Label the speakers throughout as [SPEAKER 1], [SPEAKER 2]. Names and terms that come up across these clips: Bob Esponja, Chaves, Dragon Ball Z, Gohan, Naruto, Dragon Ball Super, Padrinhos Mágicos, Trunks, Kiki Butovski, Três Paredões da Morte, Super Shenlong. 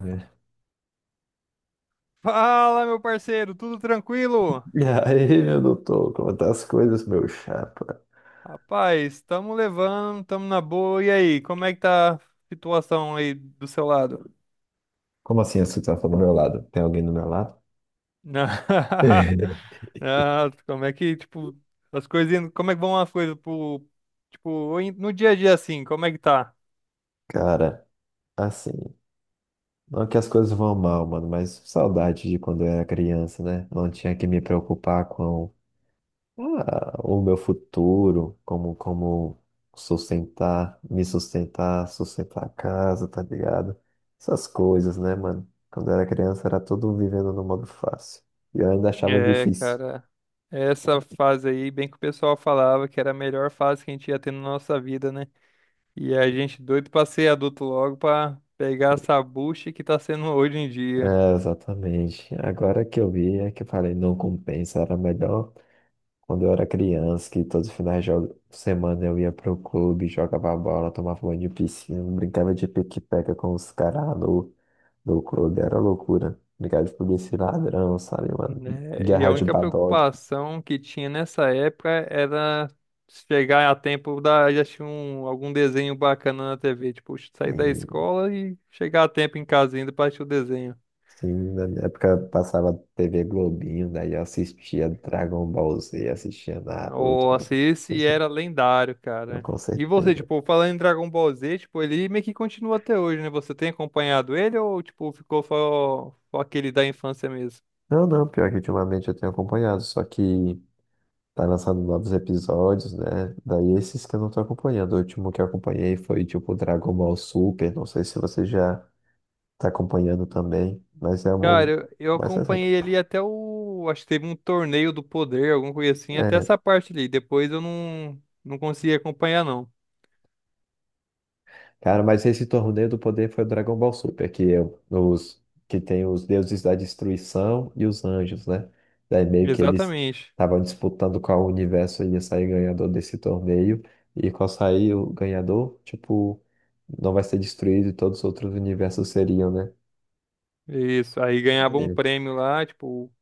[SPEAKER 1] É.
[SPEAKER 2] Fala, meu parceiro, tudo tranquilo?
[SPEAKER 1] E aí, meu doutor, como tá as coisas, meu chapa?
[SPEAKER 2] Rapaz, estamos levando, estamos na boa. E aí, como é que tá a situação aí do seu lado?
[SPEAKER 1] Como assim você tá falando do meu lado? Tem alguém do meu lado?
[SPEAKER 2] Não, não, como é que, tipo, as coisas, como é que vão as coisas pro, tipo, no dia a dia assim, como é que tá?
[SPEAKER 1] Cara, assim, não é que as coisas vão mal, mano, mas saudade de quando eu era criança, né? Não tinha que me preocupar com ah, o meu futuro, como sustentar, me sustentar, sustentar a casa, tá ligado? Essas coisas, né, mano? Quando eu era criança era tudo vivendo no modo fácil. E eu ainda achava
[SPEAKER 2] É,
[SPEAKER 1] difícil.
[SPEAKER 2] cara, essa fase aí, bem que o pessoal falava que era a melhor fase que a gente ia ter na nossa vida, né? E a gente doido pra ser adulto logo pra pegar essa bucha que tá sendo hoje em dia.
[SPEAKER 1] É, exatamente. Agora que eu vi é que eu falei, não compensa, era melhor quando eu era criança, que todos os finais de semana eu ia pro clube, jogava bola, tomava banho de piscina, brincava de pique-pega com os caras do clube, era loucura. Brincava de polícia e ladrão, sabe, mano?
[SPEAKER 2] Né? E
[SPEAKER 1] Guerra
[SPEAKER 2] a
[SPEAKER 1] de
[SPEAKER 2] única
[SPEAKER 1] Badog.
[SPEAKER 2] preocupação que tinha nessa época era chegar a tempo da já tinha um, algum desenho bacana na TV, tipo, sair da
[SPEAKER 1] E,
[SPEAKER 2] escola e chegar a tempo em casa ainda pra assistir o desenho.
[SPEAKER 1] sim, na minha época passava TV Globinho, daí eu assistia Dragon Ball Z, assistia Naruto,
[SPEAKER 2] Nossa,
[SPEAKER 1] assim,
[SPEAKER 2] esse era lendário, cara.
[SPEAKER 1] com
[SPEAKER 2] E você,
[SPEAKER 1] certeza.
[SPEAKER 2] tipo, falando em Dragon Ball Z, tipo, ele meio que continua até hoje, né? Você tem acompanhado ele ou, tipo, ficou só aquele da infância mesmo?
[SPEAKER 1] Não, não, pior que ultimamente eu tenho acompanhado, só que tá lançando novos episódios, né? Daí esses que eu não tô acompanhando. O último que eu acompanhei foi tipo Dragon Ball Super, não sei se você já tá acompanhando também, mas é um
[SPEAKER 2] Cara, eu
[SPEAKER 1] mais recente.
[SPEAKER 2] acompanhei ali até o. Acho que teve um torneio do poder, alguma coisa assim, até essa parte ali. Depois eu não consegui acompanhar, não.
[SPEAKER 1] Cara, mas esse torneio do poder foi o Dragon Ball Super, que, é os, que tem os deuses da destruição e os anjos, né? Daí meio que eles
[SPEAKER 2] Exatamente.
[SPEAKER 1] estavam disputando qual universo ia sair ganhador desse torneio, e qual sair o ganhador, tipo, não vai ser destruído e todos os outros universos seriam, né?
[SPEAKER 2] Isso. Aí ganhava um prêmio lá, tipo.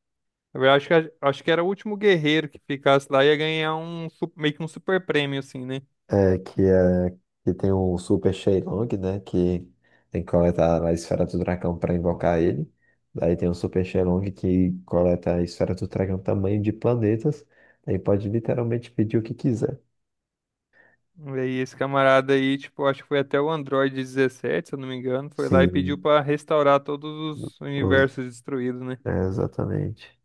[SPEAKER 2] Na verdade, acho que era o último guerreiro que ficasse lá ia ganhar um meio que um super prêmio, assim, né?
[SPEAKER 1] É, que tem o Super Shenlong, né? Que tem que coletar a esfera do dragão para invocar ele. Daí tem o Super Shenlong que coleta a esfera do dragão tamanho de planetas. Aí pode literalmente pedir o que quiser.
[SPEAKER 2] E aí esse camarada aí, tipo, acho que foi até o Android 17, se eu não me engano, foi lá e pediu
[SPEAKER 1] Sim,
[SPEAKER 2] pra restaurar todos os
[SPEAKER 1] os-
[SPEAKER 2] universos destruídos, né?
[SPEAKER 1] é, exatamente.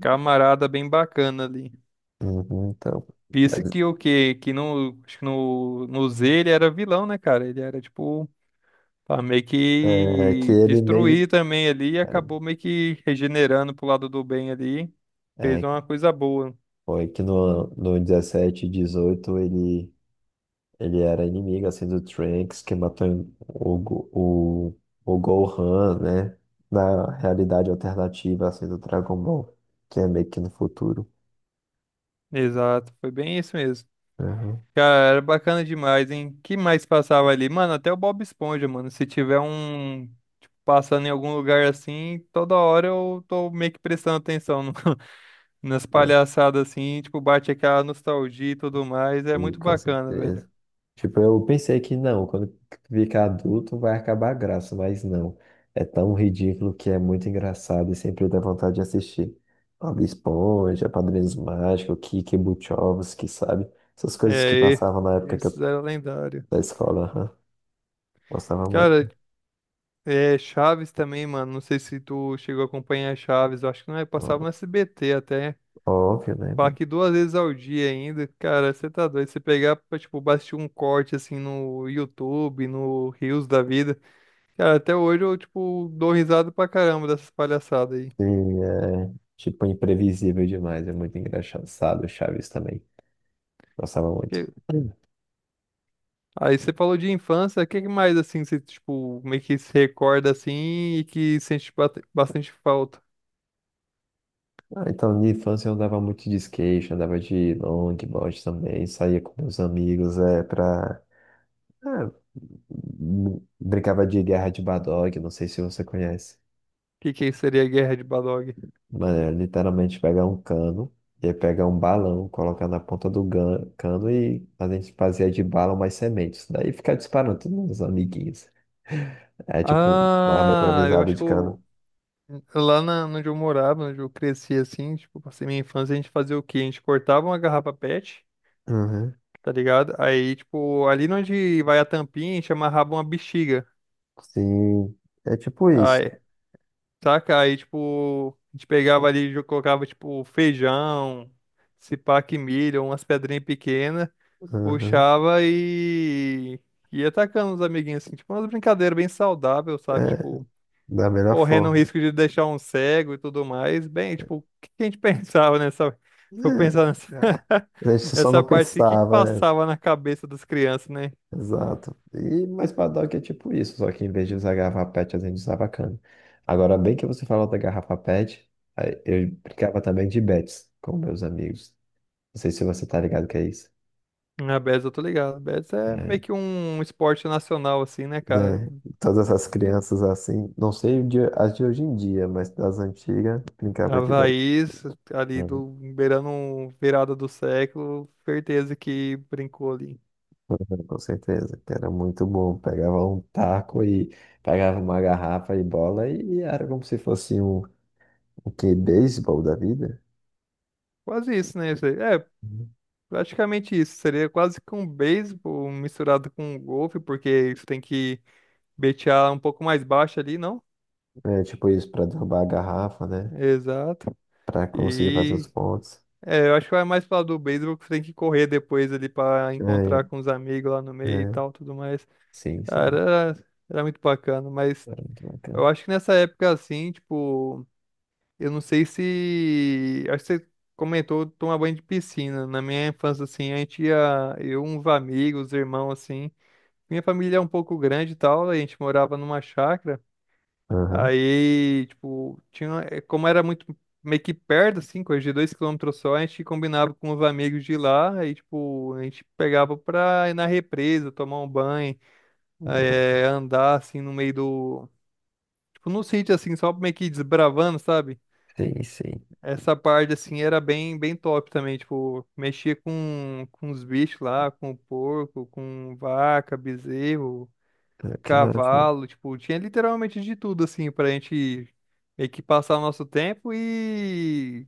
[SPEAKER 2] Camarada bem bacana ali.
[SPEAKER 1] Uhum, então,
[SPEAKER 2] Isso
[SPEAKER 1] mas,
[SPEAKER 2] que o quê? Que no, acho que no Z ele era vilão, né, cara? Ele era, tipo, pra meio
[SPEAKER 1] é que
[SPEAKER 2] que
[SPEAKER 1] ele meio.
[SPEAKER 2] destruir também ali e acabou meio que regenerando pro lado do bem ali.
[SPEAKER 1] É,
[SPEAKER 2] Fez
[SPEAKER 1] é,
[SPEAKER 2] uma coisa boa.
[SPEAKER 1] foi que no 17 e 18 ele ele era inimigo assim do Trunks que matou o o Gohan, né? Na realidade alternativa assim do Dragon Ball, que é meio que no futuro.
[SPEAKER 2] Exato, foi bem isso mesmo.
[SPEAKER 1] Aham,
[SPEAKER 2] Cara, era bacana demais, hein? Que mais passava ali? Mano, até o Bob Esponja, mano. Se tiver um, tipo, passando em algum lugar assim, toda hora eu tô meio que prestando atenção no, nas
[SPEAKER 1] né?
[SPEAKER 2] palhaçadas assim, tipo, bate aquela nostalgia e tudo mais. É
[SPEAKER 1] Sim,
[SPEAKER 2] muito
[SPEAKER 1] com
[SPEAKER 2] bacana, velho.
[SPEAKER 1] certeza. Tipo, eu pensei que não, quando ficar adulto vai acabar a graça, mas não. É tão ridículo que é muito engraçado e sempre dá vontade de assistir. Bob Esponja, Padrinhos Mágicos, Kiki Butovski, sabe? Essas
[SPEAKER 2] É,
[SPEAKER 1] coisas que passavam na época que
[SPEAKER 2] esses
[SPEAKER 1] eu,
[SPEAKER 2] eram lendários.
[SPEAKER 1] da escola, aham. Gostava muito.
[SPEAKER 2] Cara, é Chaves também, mano. Não sei se tu chegou a acompanhar Chaves. Eu acho que não é, passava
[SPEAKER 1] Ó-
[SPEAKER 2] no SBT até.
[SPEAKER 1] Óbvio, né,
[SPEAKER 2] Falar
[SPEAKER 1] mano?
[SPEAKER 2] que duas vezes ao dia ainda. Cara, você tá doido. Você pegar pra, tipo, assistir um corte assim no YouTube, no Reels da vida. Cara, até hoje eu, tipo, dou risada pra caramba dessas palhaçadas aí.
[SPEAKER 1] E é, tipo, imprevisível demais, é muito engraçado. Chaves também, gostava muito. Hum.
[SPEAKER 2] Aí você falou de infância, o que que mais assim você tipo meio que se recorda assim e que sente bastante falta? O
[SPEAKER 1] Ah, então, de infância eu andava muito de skate, andava de longboard também, saía com meus amigos, é, pra... Ah, brincava de guerra de Badog, não sei se você conhece.
[SPEAKER 2] que que seria a Guerra de Badog?
[SPEAKER 1] Mano, é literalmente pegar um cano, ia pegar um balão, colocar na ponta do cano e a gente fazia de bala umas sementes. Daí ficar disparando todos os amiguinhos. É tipo uma arma
[SPEAKER 2] Ah, eu
[SPEAKER 1] improvisada
[SPEAKER 2] acho que
[SPEAKER 1] de cano.
[SPEAKER 2] lá na, onde eu morava, onde eu cresci assim, tipo, passei minha infância, a gente fazia o quê? A gente cortava uma garrafa PET,
[SPEAKER 1] Uhum.
[SPEAKER 2] tá ligado? Aí, tipo, ali onde vai a tampinha, a gente amarrava uma bexiga.
[SPEAKER 1] Sim, é tipo isso.
[SPEAKER 2] Saca? Aí, tipo, a gente pegava ali, colocava, tipo, feijão, se pá que milho, umas pedrinhas pequenas,
[SPEAKER 1] Uhum.
[SPEAKER 2] puxava e ia atacando os amiguinhos, assim, tipo, umas brincadeiras bem saudáveis, sabe?
[SPEAKER 1] É,
[SPEAKER 2] Tipo,
[SPEAKER 1] da melhor
[SPEAKER 2] correndo o
[SPEAKER 1] forma.
[SPEAKER 2] risco de deixar um cego e tudo mais. Bem, tipo, o que que a gente pensava nessa. Se eu pensar nessa,
[SPEAKER 1] É, é. A gente só
[SPEAKER 2] nessa
[SPEAKER 1] não
[SPEAKER 2] parte assim, o que que
[SPEAKER 1] pensava.
[SPEAKER 2] passava na cabeça das crianças, né?
[SPEAKER 1] Exato. E mais paddock é tipo isso, só que em vez de usar garrafa PET, a gente usava cana. Agora, bem que você falou da garrafa PET, aí eu brincava também de bets com meus amigos. Não sei se você tá ligado que é isso.
[SPEAKER 2] A Betis, eu tô ligado. A Betis é
[SPEAKER 1] É,
[SPEAKER 2] meio que um esporte nacional, assim, né, cara?
[SPEAKER 1] né? Todas essas crianças assim, não sei as de hoje em dia, mas das antigas, brincava de bets.
[SPEAKER 2] Havaí, ali
[SPEAKER 1] Uhum.
[SPEAKER 2] do beirando um virada do século, certeza que brincou ali.
[SPEAKER 1] Uhum, com certeza, que era muito bom. Pegava um taco e pegava uma garrafa e bola e era como se fosse um, um que, beisebol da vida.
[SPEAKER 2] Quase isso, né? Zé? É, praticamente isso. Seria quase que um beisebol misturado com um golfe, porque você tem que betear um pouco mais baixo ali, não?
[SPEAKER 1] É tipo isso, pra derrubar a garrafa, né?
[SPEAKER 2] Exato.
[SPEAKER 1] Pra conseguir fazer os
[SPEAKER 2] E
[SPEAKER 1] pontos.
[SPEAKER 2] é, eu acho que vai mais falar do beisebol que você tem que correr depois ali pra
[SPEAKER 1] É,
[SPEAKER 2] encontrar com os amigos lá no meio e
[SPEAKER 1] é.
[SPEAKER 2] tal, tudo mais.
[SPEAKER 1] Sim,
[SPEAKER 2] Cara,
[SPEAKER 1] sim.
[SPEAKER 2] era muito bacana, mas
[SPEAKER 1] Era muito bacana.
[SPEAKER 2] eu acho que nessa época assim, tipo. Eu não sei se. Acho que você comentou tomar banho de piscina. Na minha infância, assim, a gente ia. Eu, uns amigos, irmãos, assim. Minha família é um pouco grande e tal. A gente morava numa chácara.
[SPEAKER 1] Aham.
[SPEAKER 2] Aí, tipo, tinha. Como era muito meio que perto, assim, coisa de dois quilômetros só, a gente combinava com os amigos de lá. Aí, tipo, a gente pegava pra ir na represa, tomar um banho, andar, assim, no meio do. Tipo, no sítio, assim, só meio que desbravando, sabe?
[SPEAKER 1] Sim, sim.
[SPEAKER 2] Essa parte, assim, era bem top também, tipo, mexia com os bichos lá, com o porco, com vaca, bezerro,
[SPEAKER 1] É, que maravilha.
[SPEAKER 2] cavalo, tipo, tinha literalmente de tudo, assim, pra gente meio que passar o nosso tempo e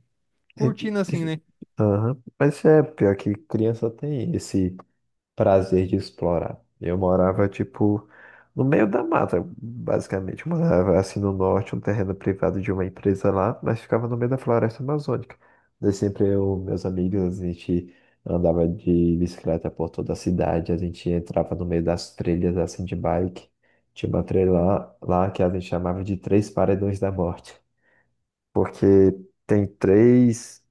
[SPEAKER 1] E-
[SPEAKER 2] curtindo, assim,
[SPEAKER 1] e-
[SPEAKER 2] né?
[SPEAKER 1] Aham. Mas é pior que criança tem esse prazer de explorar. Eu morava, tipo, no meio da mata, basicamente. Eu morava, assim, no norte, um terreno privado de uma empresa lá, mas ficava no meio da floresta amazônica. Daí sempre eu, meus amigos, a gente andava de bicicleta por toda a cidade, a gente entrava no meio das trilhas, assim, de bike. Tinha uma trilha lá que a gente chamava de Três Paredões da Morte, porque tem três,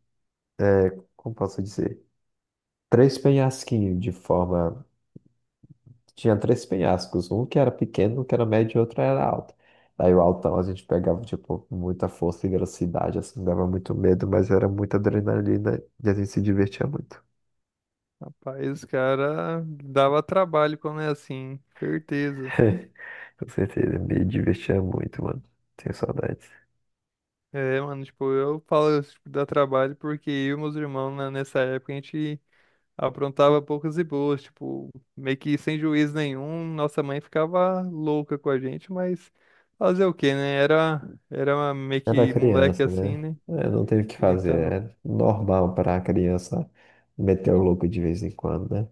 [SPEAKER 1] como posso dizer? Três penhasquinhos de forma. Tinha três penhascos, um que era pequeno, um que era médio e outro era alto. Daí o altão a gente pegava, tipo, muita força e velocidade, assim, dava muito medo, mas era muita adrenalina e a gente se divertia muito.
[SPEAKER 2] Rapaz, os cara, dava trabalho quando é assim, certeza.
[SPEAKER 1] Com certeza, me divertia muito, mano. Tenho saudades.
[SPEAKER 2] É, mano, tipo, eu falo, tipo, dá trabalho porque eu e meus irmãos, né, nessa época, a gente aprontava poucas e boas, tipo, meio que sem juízo nenhum. Nossa mãe ficava louca com a gente, mas fazer o quê, né? Era meio
[SPEAKER 1] Era
[SPEAKER 2] que moleque
[SPEAKER 1] criança, né?
[SPEAKER 2] assim, né?
[SPEAKER 1] É, não teve o que fazer.
[SPEAKER 2] Então,
[SPEAKER 1] É normal para a criança meter o louco de vez em quando, né?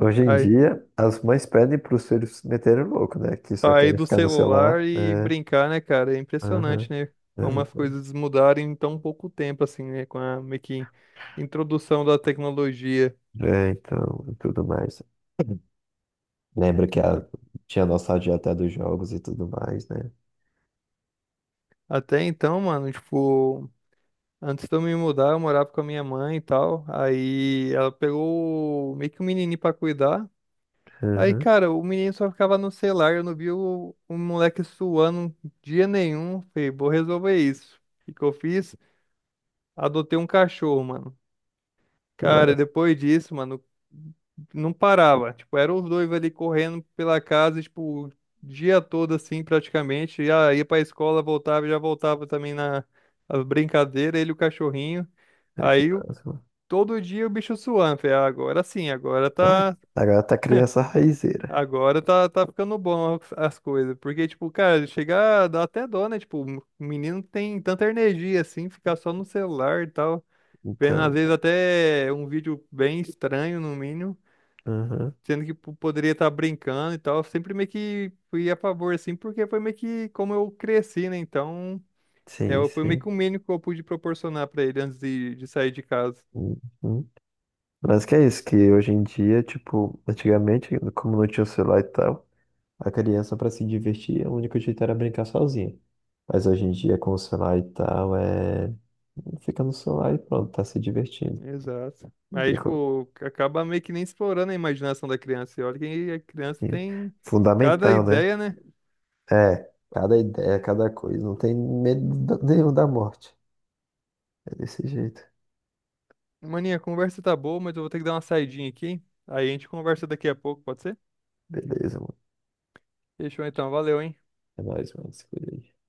[SPEAKER 1] Hoje em
[SPEAKER 2] aí,
[SPEAKER 1] dia, as mães pedem para os filhos meterem o louco, né? Que só
[SPEAKER 2] sair
[SPEAKER 1] querem
[SPEAKER 2] do
[SPEAKER 1] ficar no
[SPEAKER 2] celular
[SPEAKER 1] celular,
[SPEAKER 2] e
[SPEAKER 1] né?
[SPEAKER 2] brincar, né, cara? É impressionante,
[SPEAKER 1] Aham.
[SPEAKER 2] né? Como as coisas mudaram em tão pouco tempo, assim, né? Com a meio que introdução da tecnologia.
[SPEAKER 1] É, então, e tudo mais. Lembra que
[SPEAKER 2] A-
[SPEAKER 1] a, tinha a nossa dieta dos jogos e tudo mais, né?
[SPEAKER 2] Até então, mano, tipo. Antes de eu me mudar, eu morava com a minha mãe e tal. Aí ela pegou meio que um menininho pra cuidar. Aí,
[SPEAKER 1] Uhum.
[SPEAKER 2] cara, o menino só ficava no celular. Eu não vi o moleque suando um dia nenhum. Falei, vou resolver isso. O que que eu fiz? Adotei um cachorro, mano.
[SPEAKER 1] Que
[SPEAKER 2] Cara,
[SPEAKER 1] massa.
[SPEAKER 2] depois disso, mano, não parava. Tipo, eram os dois ali correndo pela casa, tipo, o dia todo assim, praticamente. Já ia pra escola, voltava, já voltava também na as brincadeiras, ele e o cachorrinho.
[SPEAKER 1] É, que
[SPEAKER 2] Aí
[SPEAKER 1] massa, mano.
[SPEAKER 2] todo dia o bicho suando. Falei: "Ah, agora sim, agora
[SPEAKER 1] Ah,
[SPEAKER 2] tá.
[SPEAKER 1] agora tá criança raizeira.
[SPEAKER 2] Agora tá, tá ficando bom as coisas. Porque, tipo, cara, chegar dá até dó, né? Tipo, o menino tem tanta energia assim, ficar só no celular e tal. Vendo, às
[SPEAKER 1] Então,
[SPEAKER 2] vezes, até um vídeo bem estranho, no mínimo.
[SPEAKER 1] uhum.
[SPEAKER 2] Sendo que poderia estar brincando e tal. Eu sempre meio que fui a favor, assim, porque foi meio que como eu cresci, né? Então, é,
[SPEAKER 1] Sim,
[SPEAKER 2] foi meio que o
[SPEAKER 1] sim.
[SPEAKER 2] mínimo que eu pude proporcionar pra ele antes de sair de casa.
[SPEAKER 1] Uhum. Mas que é isso, que hoje em dia, tipo, antigamente, como não tinha o celular e tal, a criança pra se divertir, o único jeito era brincar sozinha. Mas hoje em dia, com o celular e tal, é... Fica no celular e pronto, tá se divertindo.
[SPEAKER 2] Exato. Aí,
[SPEAKER 1] E co-
[SPEAKER 2] tipo, acaba meio que nem explorando a imaginação da criança. E olha que a criança
[SPEAKER 1] e
[SPEAKER 2] tem cada
[SPEAKER 1] Fundamental, né?
[SPEAKER 2] ideia, né?
[SPEAKER 1] É, cada ideia, cada coisa. Não tem medo nenhum da morte. É desse jeito.
[SPEAKER 2] Maninha, a conversa tá boa, mas eu vou ter que dar uma saidinha aqui. Aí a gente conversa daqui a pouco, pode ser?
[SPEAKER 1] Beleza, mano.
[SPEAKER 2] Fechou então, valeu, hein?
[SPEAKER 1] É nóis, mano. Se cuida aí.